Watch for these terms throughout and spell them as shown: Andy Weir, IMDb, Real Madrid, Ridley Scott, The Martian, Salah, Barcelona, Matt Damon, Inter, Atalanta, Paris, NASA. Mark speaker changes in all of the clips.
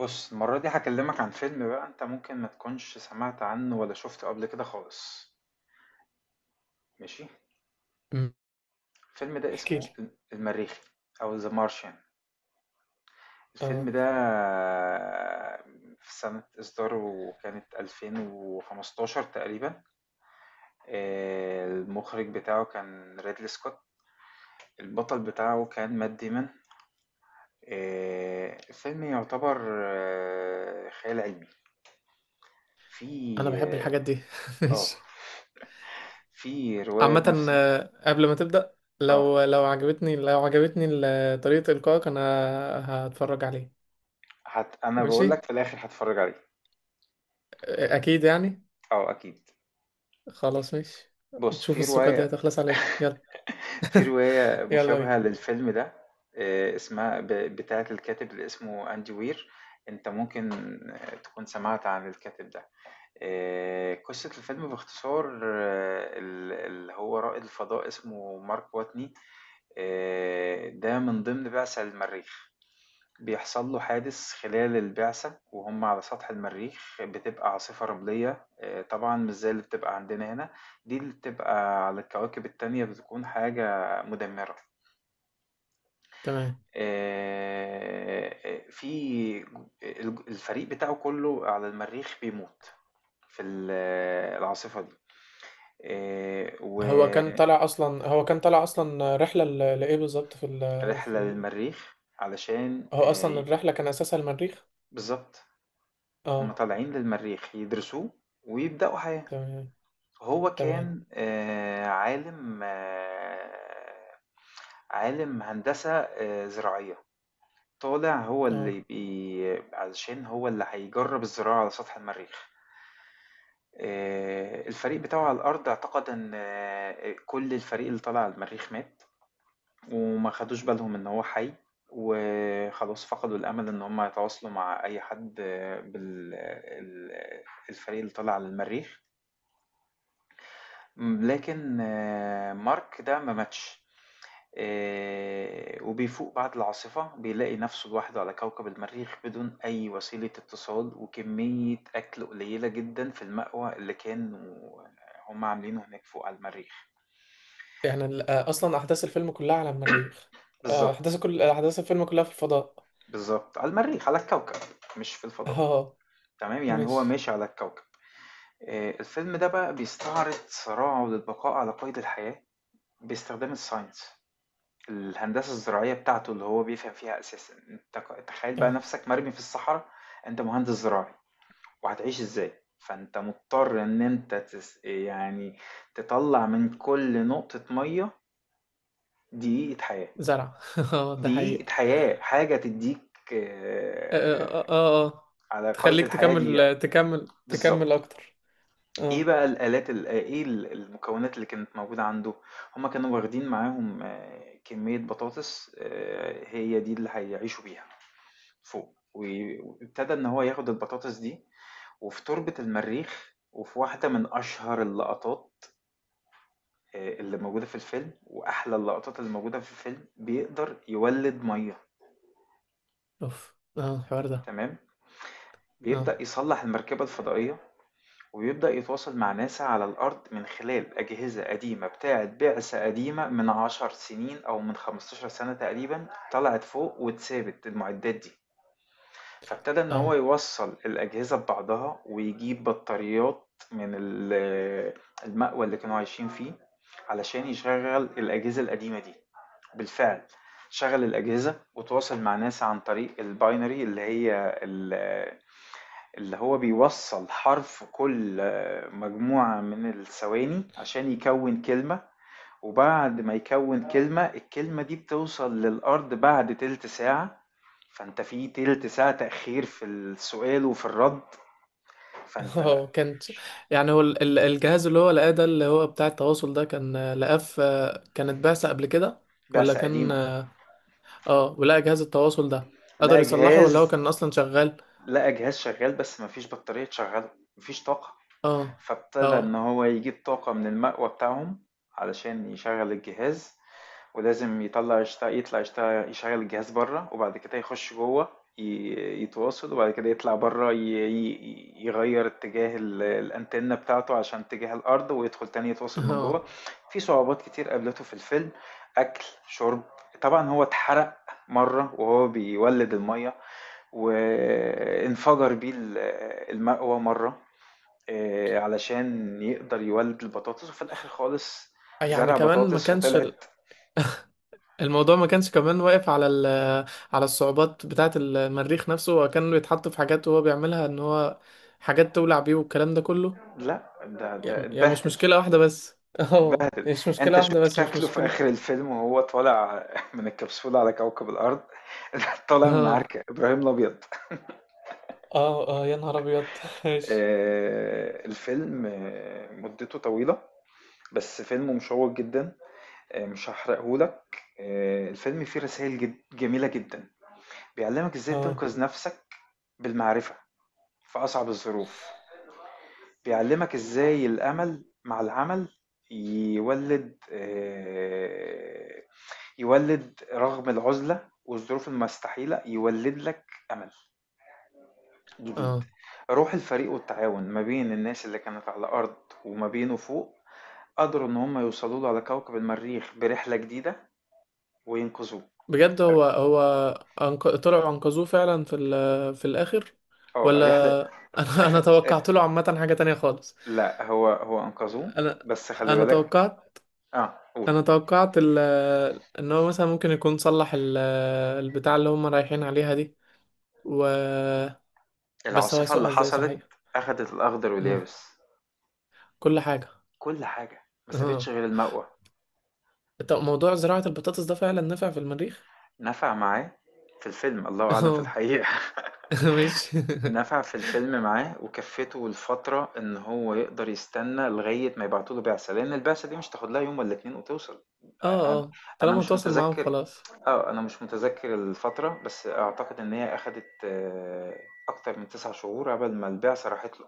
Speaker 1: بُص، المرّة دي هاكلّمك عن فيلم بقى أنت ممكن ما تكونش سمعت عنّه ولا شُفته قبل كده خالص، ماشي؟
Speaker 2: مم.
Speaker 1: الفيلم ده
Speaker 2: احكي
Speaker 1: اسمه
Speaker 2: لي.
Speaker 1: المرّيخي أو The Martian.
Speaker 2: اه،
Speaker 1: الفيلم ده في سَنة إصداره كانت 2015 تقريبًا. المُخرِج بتاعه كان Ridley Scott، البطل بتاعه كان Matt Damon. الفيلم يُعتبر خيال علمي،
Speaker 2: انا
Speaker 1: في
Speaker 2: بحب الحاجات دي
Speaker 1: آه، آه،
Speaker 2: ماشي.
Speaker 1: في رواية
Speaker 2: عامة،
Speaker 1: بنفس
Speaker 2: آه، قبل ما تبدأ، لو
Speaker 1: آه.
Speaker 2: لو عجبتني طريقة إلقائك، انا هتفرج عليه.
Speaker 1: انا
Speaker 2: ماشي،
Speaker 1: بقول لك في الاخر هتفرج عليه.
Speaker 2: آه، اكيد يعني.
Speaker 1: اه اكيد.
Speaker 2: خلاص ماشي،
Speaker 1: بص،
Speaker 2: تشوف
Speaker 1: في
Speaker 2: الثقة دي
Speaker 1: روايه
Speaker 2: هتخلص عليه. يلا،
Speaker 1: في روايه
Speaker 2: يلا بينا.
Speaker 1: مشابهه للفيلم ده، اسمها بتاعه الكاتب اللي اسمه اندي وير. انت ممكن تكون سمعت عن الكاتب ده. قصه الفيلم باختصار، اللي هو رائد الفضاء اسمه مارك واتني. ده من ضمن بعثه المريخ. بيحصل له حادث خلال البعثة وهم على سطح المريخ، بتبقى عاصفة رملية. طبعا مش زي اللي بتبقى عندنا هنا، دي اللي بتبقى على الكواكب التانية بتكون حاجة مدمرة.
Speaker 2: تمام.
Speaker 1: آه، في الفريق بتاعه كله على المريخ بيموت في العاصفة دي. آه،
Speaker 2: هو كان طالع اصلا رحلة لايه بالظبط؟ في ال في
Speaker 1: ورحلة
Speaker 2: ال
Speaker 1: للمريخ علشان
Speaker 2: هو اصلا الرحلة كان اساسها المريخ.
Speaker 1: بالظبط. هم
Speaker 2: اه،
Speaker 1: طالعين للمريخ يدرسوه ويبدأوا حياة.
Speaker 2: تمام،
Speaker 1: هو
Speaker 2: تمام،
Speaker 1: كان عالِم، عالِم هندسة زراعية، طالع هو
Speaker 2: اه.
Speaker 1: اللي علشان هو اللي هيجرّب الزراعة على سطح المريخ. الفريق بتاعه على الأرض اعتقد إن كل الفريق اللي طالع على المريخ مات، وما خدوش بالهم إن هو حي، وخلاص فقدوا الأمل إن هم يتواصلوا مع أي حد بال الفريق اللي طالع على المريخ. لكن مارك ده ما ماتش. وبيفوق بعد العاصفة بيلاقي نفسه لوحده على كوكب المريخ بدون أي وسيلة اتصال وكمية أكل قليلة جدا في المأوى اللي كانوا هم عاملينه هناك فوق على المريخ.
Speaker 2: يعني آه، اصلا احداث الفيلم كلها على المريخ؟ آه،
Speaker 1: بالظبط.
Speaker 2: كل احداث الفيلم كلها في الفضاء.
Speaker 1: بالظبط على المريخ، على الكوكب، مش في الفضاء.
Speaker 2: اه،
Speaker 1: تمام، يعني هو
Speaker 2: ماشي،
Speaker 1: ماشي على الكوكب. الفيلم ده بقى بيستعرض صراعه للبقاء على قيد الحياة باستخدام الساينس، الهندسة الزراعية بتاعته اللي هو بيفهم فيها أساسا. أنت تخيل بقى
Speaker 2: اه،
Speaker 1: نفسك مرمي في الصحراء، أنت مهندس زراعي، وهتعيش ازاي؟ فانت مضطر ان انت يعني تطلع من كل نقطة مية دقيقة حياة.
Speaker 2: زرع اه، ده
Speaker 1: دقيقة
Speaker 2: حقيقة.
Speaker 1: حياة، حاجة تديك
Speaker 2: اه، اه، اه، آه.
Speaker 1: على قيد
Speaker 2: تخليك
Speaker 1: الحياة دقيقة.
Speaker 2: تكمل تكمل
Speaker 1: بالظبط.
Speaker 2: تكمل اكتر.
Speaker 1: ايه
Speaker 2: اه،
Speaker 1: بقى الآلات، المكونات اللي كانت موجودة عنده؟ هما كانوا واخدين معاهم كمية بطاطس، هي دي اللي هيعيشوا بيها فوق، وابتدى ان هو ياخد البطاطس دي وفي تربة المريخ، وفي واحدة من أشهر اللقطات اللي موجودة في الفيلم وأحلى اللقطات اللي موجودة في الفيلم، بيقدر يولِّد مَيّة.
Speaker 2: اوف، اه، الحوار ده.
Speaker 1: تمام،
Speaker 2: اه،
Speaker 1: بيبدأ يصلّح المركبة الفضائية، وبيبدأ يتواصل مع ناسا على الأرض من خلال أجهزة قديمة بتاعة بعثة قديمة من 10 سنين أو من 15 سنة تقريبًا طلعت فوق واتسابت المعدات دي، فابتدى إن هو
Speaker 2: اه،
Speaker 1: يوصّل الأجهزة ببعضها ويجيب بطاريات من المأوى اللي كانوا عايشين فيه علشان يشغّل الأجهزة القديمة دي. بالفعل شغل الأجهزة وتواصل مع ناس عن طريق الباينري، اللي هي اللي هو بيوصل حرف كل مجموعة من الثواني عشان يكون كلمة، وبعد ما يكون كلمة الكلمة دي بتوصل للأرض بعد تلت ساعة. فأنت في تلت ساعة تأخير في السؤال وفي الرد. فأنت.
Speaker 2: اه كانت. يعني هو الجهاز اللي هو لقاه ده، اللي هو بتاع التواصل ده، كان لقاه في، كانت بعثة قبل كده، ولا
Speaker 1: بعثة
Speaker 2: كان
Speaker 1: قديمة.
Speaker 2: اه، آه، ولقى جهاز التواصل ده
Speaker 1: لا،
Speaker 2: قدر يصلحه، ولا هو
Speaker 1: جهاز.
Speaker 2: كان اصلا شغال؟
Speaker 1: لا، جهاز شغال بس مفيش بطارية تشغله، مفيش طاقة.
Speaker 2: اه،
Speaker 1: فابتدى إن
Speaker 2: اه،
Speaker 1: هو يجيب طاقة من المأوى بتاعهم علشان يشغل الجهاز، ولازم يطلع يشتغل يشغل الجهاز بره وبعد كده يخش جوه يتواصل، وبعد كده يطلع بره يغير اتجاه الأنتنة بتاعته عشان اتجاه الأرض ويدخل تاني يتواصل من جوه.
Speaker 2: اه.
Speaker 1: في صعوبات كتير قابلته في الفيلم، أكل شرب. طبعا هو اتحرق مرة وهو بيولد المية، وانفجر بيه المأوى مرة، علشان يقدر يولد البطاطس. وفي الاخر خالص
Speaker 2: يعني
Speaker 1: زرع
Speaker 2: كمان ما
Speaker 1: بطاطس
Speaker 2: كانش
Speaker 1: وطلعت.
Speaker 2: الموضوع ما كانش كمان واقف على على الصعوبات بتاعة المريخ نفسه، هو كان بيتحط في حاجات وهو بيعملها ان هو حاجات تولع بيه والكلام ده كله.
Speaker 1: لا، ده
Speaker 2: يعني، مش
Speaker 1: اتبهدل.
Speaker 2: مشكلة واحدة بس اه،
Speaker 1: اتبهدل.
Speaker 2: مش مشكلة
Speaker 1: انت شوف
Speaker 2: واحدة بس، مش
Speaker 1: شكله في
Speaker 2: مشكلة.
Speaker 1: اخر الفيلم وهو طالع من الكبسولة على كوكب الارض. طالع من
Speaker 2: اه،
Speaker 1: عركة ابراهيم الابيض.
Speaker 2: اه، اه، يا نهار ابيض ماشي،
Speaker 1: الفيلم مدته طويلة، بس فيلم مشوق جدا. مش هحرقهولك. الفيلم فيه رسائل جميلة جدا، بيعلمك ازاي
Speaker 2: اه،
Speaker 1: تنقذ نفسك بالمعرفة في أصعب الظروف. بيعلّمك إزاي الأمل مع العمل يولِّد آآ يولِّد رغم العُزلة والظروف المستحيلة، يولِّد لك أمل جديد.
Speaker 2: اه،
Speaker 1: روح الفريق والتعاون ما بين الناس اللي كانت على الأرض وما بينه فوق، قدروا إن هم يوصلوا له على كوكب المريخ برحلة جديدة وينقذوه.
Speaker 2: بجد. هو طلعوا انقذوه فعلا في الاخر،
Speaker 1: الرحلة.
Speaker 2: ولا؟ انا
Speaker 1: أخ.
Speaker 2: توقعت له عامة حاجة تانية خالص.
Speaker 1: لأ، هو أنقذوه،
Speaker 2: انا
Speaker 1: بس خلّي
Speaker 2: انا
Speaker 1: بالك.
Speaker 2: توقعت
Speaker 1: قُل.
Speaker 2: انا توقعت ان هو مثلا ممكن يكون صلح البتاع اللي هم رايحين عليها دي، و، بس هو
Speaker 1: العاصفة اللي
Speaker 2: يسوقها ازاي
Speaker 1: حصلت
Speaker 2: صحيح؟
Speaker 1: أخدت الأخضر
Speaker 2: اه،
Speaker 1: واليابس.
Speaker 2: كل حاجه.
Speaker 1: كل حاجة، ما سابتش
Speaker 2: اه،
Speaker 1: غير المَقوَى.
Speaker 2: طب موضوع زراعه البطاطس ده فعلا نافع في المريخ؟
Speaker 1: نفع معاه في الفيلم، الله أعلم في
Speaker 2: اه
Speaker 1: الحقيقة.
Speaker 2: مش،
Speaker 1: نفع في الفيلم معاه وكفّته لفترة إن هو يقدر يستنى لغاية ما يبعتوا له بعثة، لإن البعثة دي مش هتاخد لها يوم والّا 2 وتوصل.
Speaker 2: اه،
Speaker 1: أ أنا
Speaker 2: اه،
Speaker 1: أنا
Speaker 2: طالما
Speaker 1: مش
Speaker 2: تواصل معاهم
Speaker 1: متذكّر.
Speaker 2: خلاص.
Speaker 1: أنا مش متذكّر الفترة، بس أعتقد إن هي أخدت أكتر من 9 شهور عقبال ما البعثة راحت له.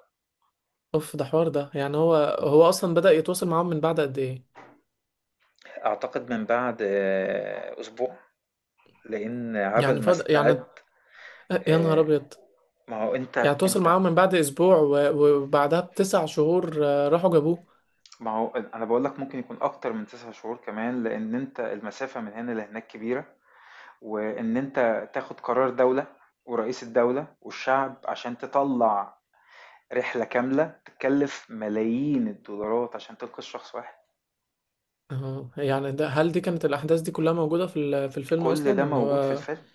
Speaker 2: اوف، ده حوار ده. يعني هو اصلا بدأ يتواصل معاهم من بعد قد ايه؟
Speaker 1: أعتقد من بعد أسبوع، لإن
Speaker 2: يعني
Speaker 1: عقبال ما استعد.
Speaker 2: يا نهار
Speaker 1: آآ
Speaker 2: ابيض.
Speaker 1: ما هو أنت.
Speaker 2: يعني تواصل
Speaker 1: أنت
Speaker 2: معاهم من بعد اسبوع وبعدها بـ9 شهور، آه، راحوا جابوه.
Speaker 1: ما هو أنا باقول لك ممكن يكون أكتر من 9 شهور كمان، لإن أنت المسافة من هنا لهناك كبيرة، وإن أنت تاخد قرار دولة ورئيس الدولة والشعب عشان تطلّع رحلة كاملة تتكلف ملايين الدولارات عشان تنقذ شخص واحد.
Speaker 2: اه، يعني ده، هل دي كانت الأحداث دي كلها موجودة في في الفيلم
Speaker 1: كل ده
Speaker 2: أصلا، اللي
Speaker 1: موجود في
Speaker 2: هو
Speaker 1: الفيلم.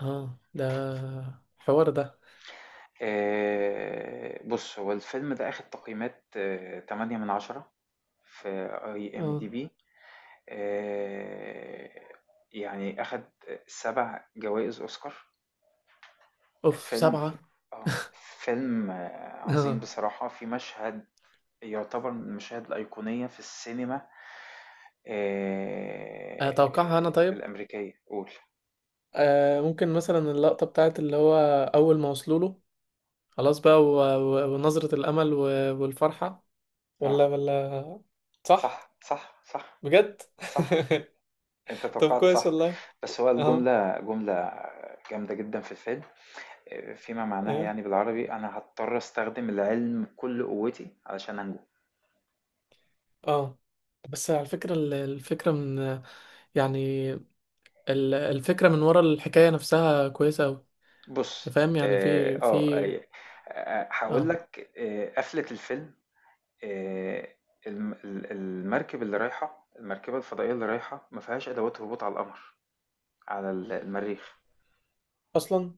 Speaker 2: اه، ده حوار ده.
Speaker 1: بُص، هو الفيلم ده أخد تقييمات 8/10 في
Speaker 2: اه،
Speaker 1: IMDb. آآ يعني أخد 7 جوائز أوسكار.
Speaker 2: اوف،
Speaker 1: الفيلم
Speaker 2: سبعة.
Speaker 1: فيلم عظيم
Speaker 2: اه،
Speaker 1: بصراحة. في مشهد يعتبر من المشاهد الأيقونية في السينما
Speaker 2: أتوقعها أنا طيب.
Speaker 1: الأمريكية، قول.
Speaker 2: آه، ممكن مثلا اللقطة بتاعت اللي هو أول ما وصلوا له، خلاص بقى، ونظرة الأمل، والفرحة، ولا
Speaker 1: اه،
Speaker 2: ولا؟ صح.
Speaker 1: صح صح صح.
Speaker 2: بجد
Speaker 1: صح، انت
Speaker 2: طب،
Speaker 1: توقعت
Speaker 2: كويس
Speaker 1: صح.
Speaker 2: والله.
Speaker 1: بس هو
Speaker 2: اه،
Speaker 1: الجملة جملة جامدة جدا في الفيلم، فيما معناها
Speaker 2: ايوه،
Speaker 1: يعني بالعربي، أنا هضطر أستخدم العلم بكل قوتي علشان أنجو.
Speaker 2: اه. بس على فكرة، الفكرة من، يعني، الفكرة من ورا الحكاية نفسها كويسة أوي.
Speaker 1: بص،
Speaker 2: فاهم يعني؟
Speaker 1: اه،
Speaker 2: في في
Speaker 1: هقول
Speaker 2: اه،
Speaker 1: لك قفلة الفيلم. آآ المركب اللي رايحة، المركبة الفضائية اللي رايحة ما فيهاش أدوات هبوط على القمر، على المريخ
Speaker 2: أصلا.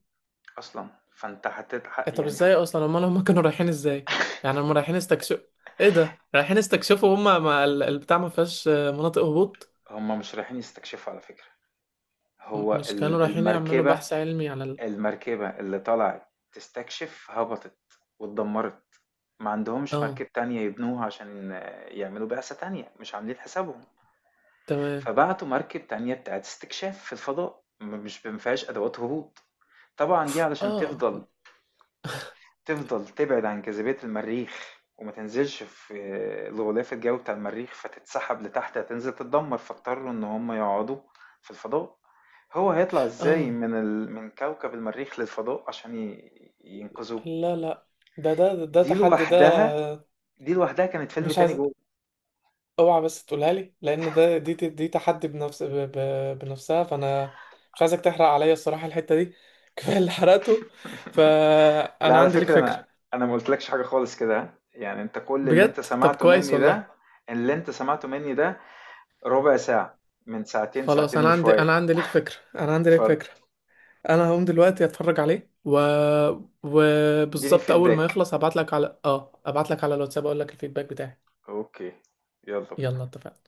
Speaker 1: أصلًا. فأنت هتت ح
Speaker 2: إيه، طب
Speaker 1: يعني،
Speaker 2: ازاي أصلا أمال هما كانوا رايحين ازاي؟ يعني هما رايحين استكشف. ايه ده، رايحين استكشفوا هما، ما البتاع ما فيهاش آه، مناطق هبوط؟
Speaker 1: هُم مش رايحين يستكشفوا على فكرة. هو
Speaker 2: مش كانوا
Speaker 1: ال
Speaker 2: رايحين يعملوا
Speaker 1: المركبة
Speaker 2: بحث علمي على ال...؟
Speaker 1: المركبة اللي طلعت تستكشف هبطت واتدمرت. ما عندهمش
Speaker 2: اه،
Speaker 1: مركب تانية يبنوها عشان يعملوا بعثة تانية. مش عاملين حسابهم.
Speaker 2: تمام،
Speaker 1: فبعتوا مركب تانية بتاعة استكشاف في الفضاء، مش ما فيهاش أدوات هبوط، طبعًا دي علشان
Speaker 2: اه،
Speaker 1: تفضل تبعد عن جاذبية المريخ وما تنزلش في الغلاف الجوي بتاع المريخ فتتسحب لتحت هتنزل تتدمر. فاضطروا ان هم يقعدوا في الفضاء. هو هيطلع ازاي
Speaker 2: اه.
Speaker 1: من كوكب المريخ للفضاء عشان ينقذوه.
Speaker 2: لا، لا، ده
Speaker 1: دي
Speaker 2: تحدي ده.
Speaker 1: لوحدها. دي لوحدها كانت فيلم
Speaker 2: مش
Speaker 1: تاني
Speaker 2: عايز،
Speaker 1: جوه.
Speaker 2: اوعى بس تقولها لي، لان ده دي تحدي بنفسها. فانا مش عايزك تحرق عليا الصراحه الحته دي كفايه اللي حرقته.
Speaker 1: لا،
Speaker 2: فانا
Speaker 1: على
Speaker 2: عندي ليك
Speaker 1: فكرة
Speaker 2: فكره.
Speaker 1: انا ما قلتلكش حاجة خالص كده، ها؟ يعني انت كل اللي انت
Speaker 2: بجد؟ طب
Speaker 1: سمعته
Speaker 2: كويس
Speaker 1: مني ده،
Speaker 2: والله.
Speaker 1: اللي انت سمعته مني ده ربع ساعة من ساعتين،
Speaker 2: خلاص،
Speaker 1: ساعتين وشوية.
Speaker 2: انا عندي ليك
Speaker 1: اتفضل،
Speaker 2: فكره. انا هقوم دلوقتي اتفرج عليه، و
Speaker 1: اديني
Speaker 2: وبالظبط اول ما
Speaker 1: فيدباك.
Speaker 2: يخلص هبعت لك على اه ابعت لك على الواتساب، اقول لك الفيدباك بتاعي.
Speaker 1: أوكي، يلا
Speaker 2: يلا،
Speaker 1: بينا.
Speaker 2: اتفقنا.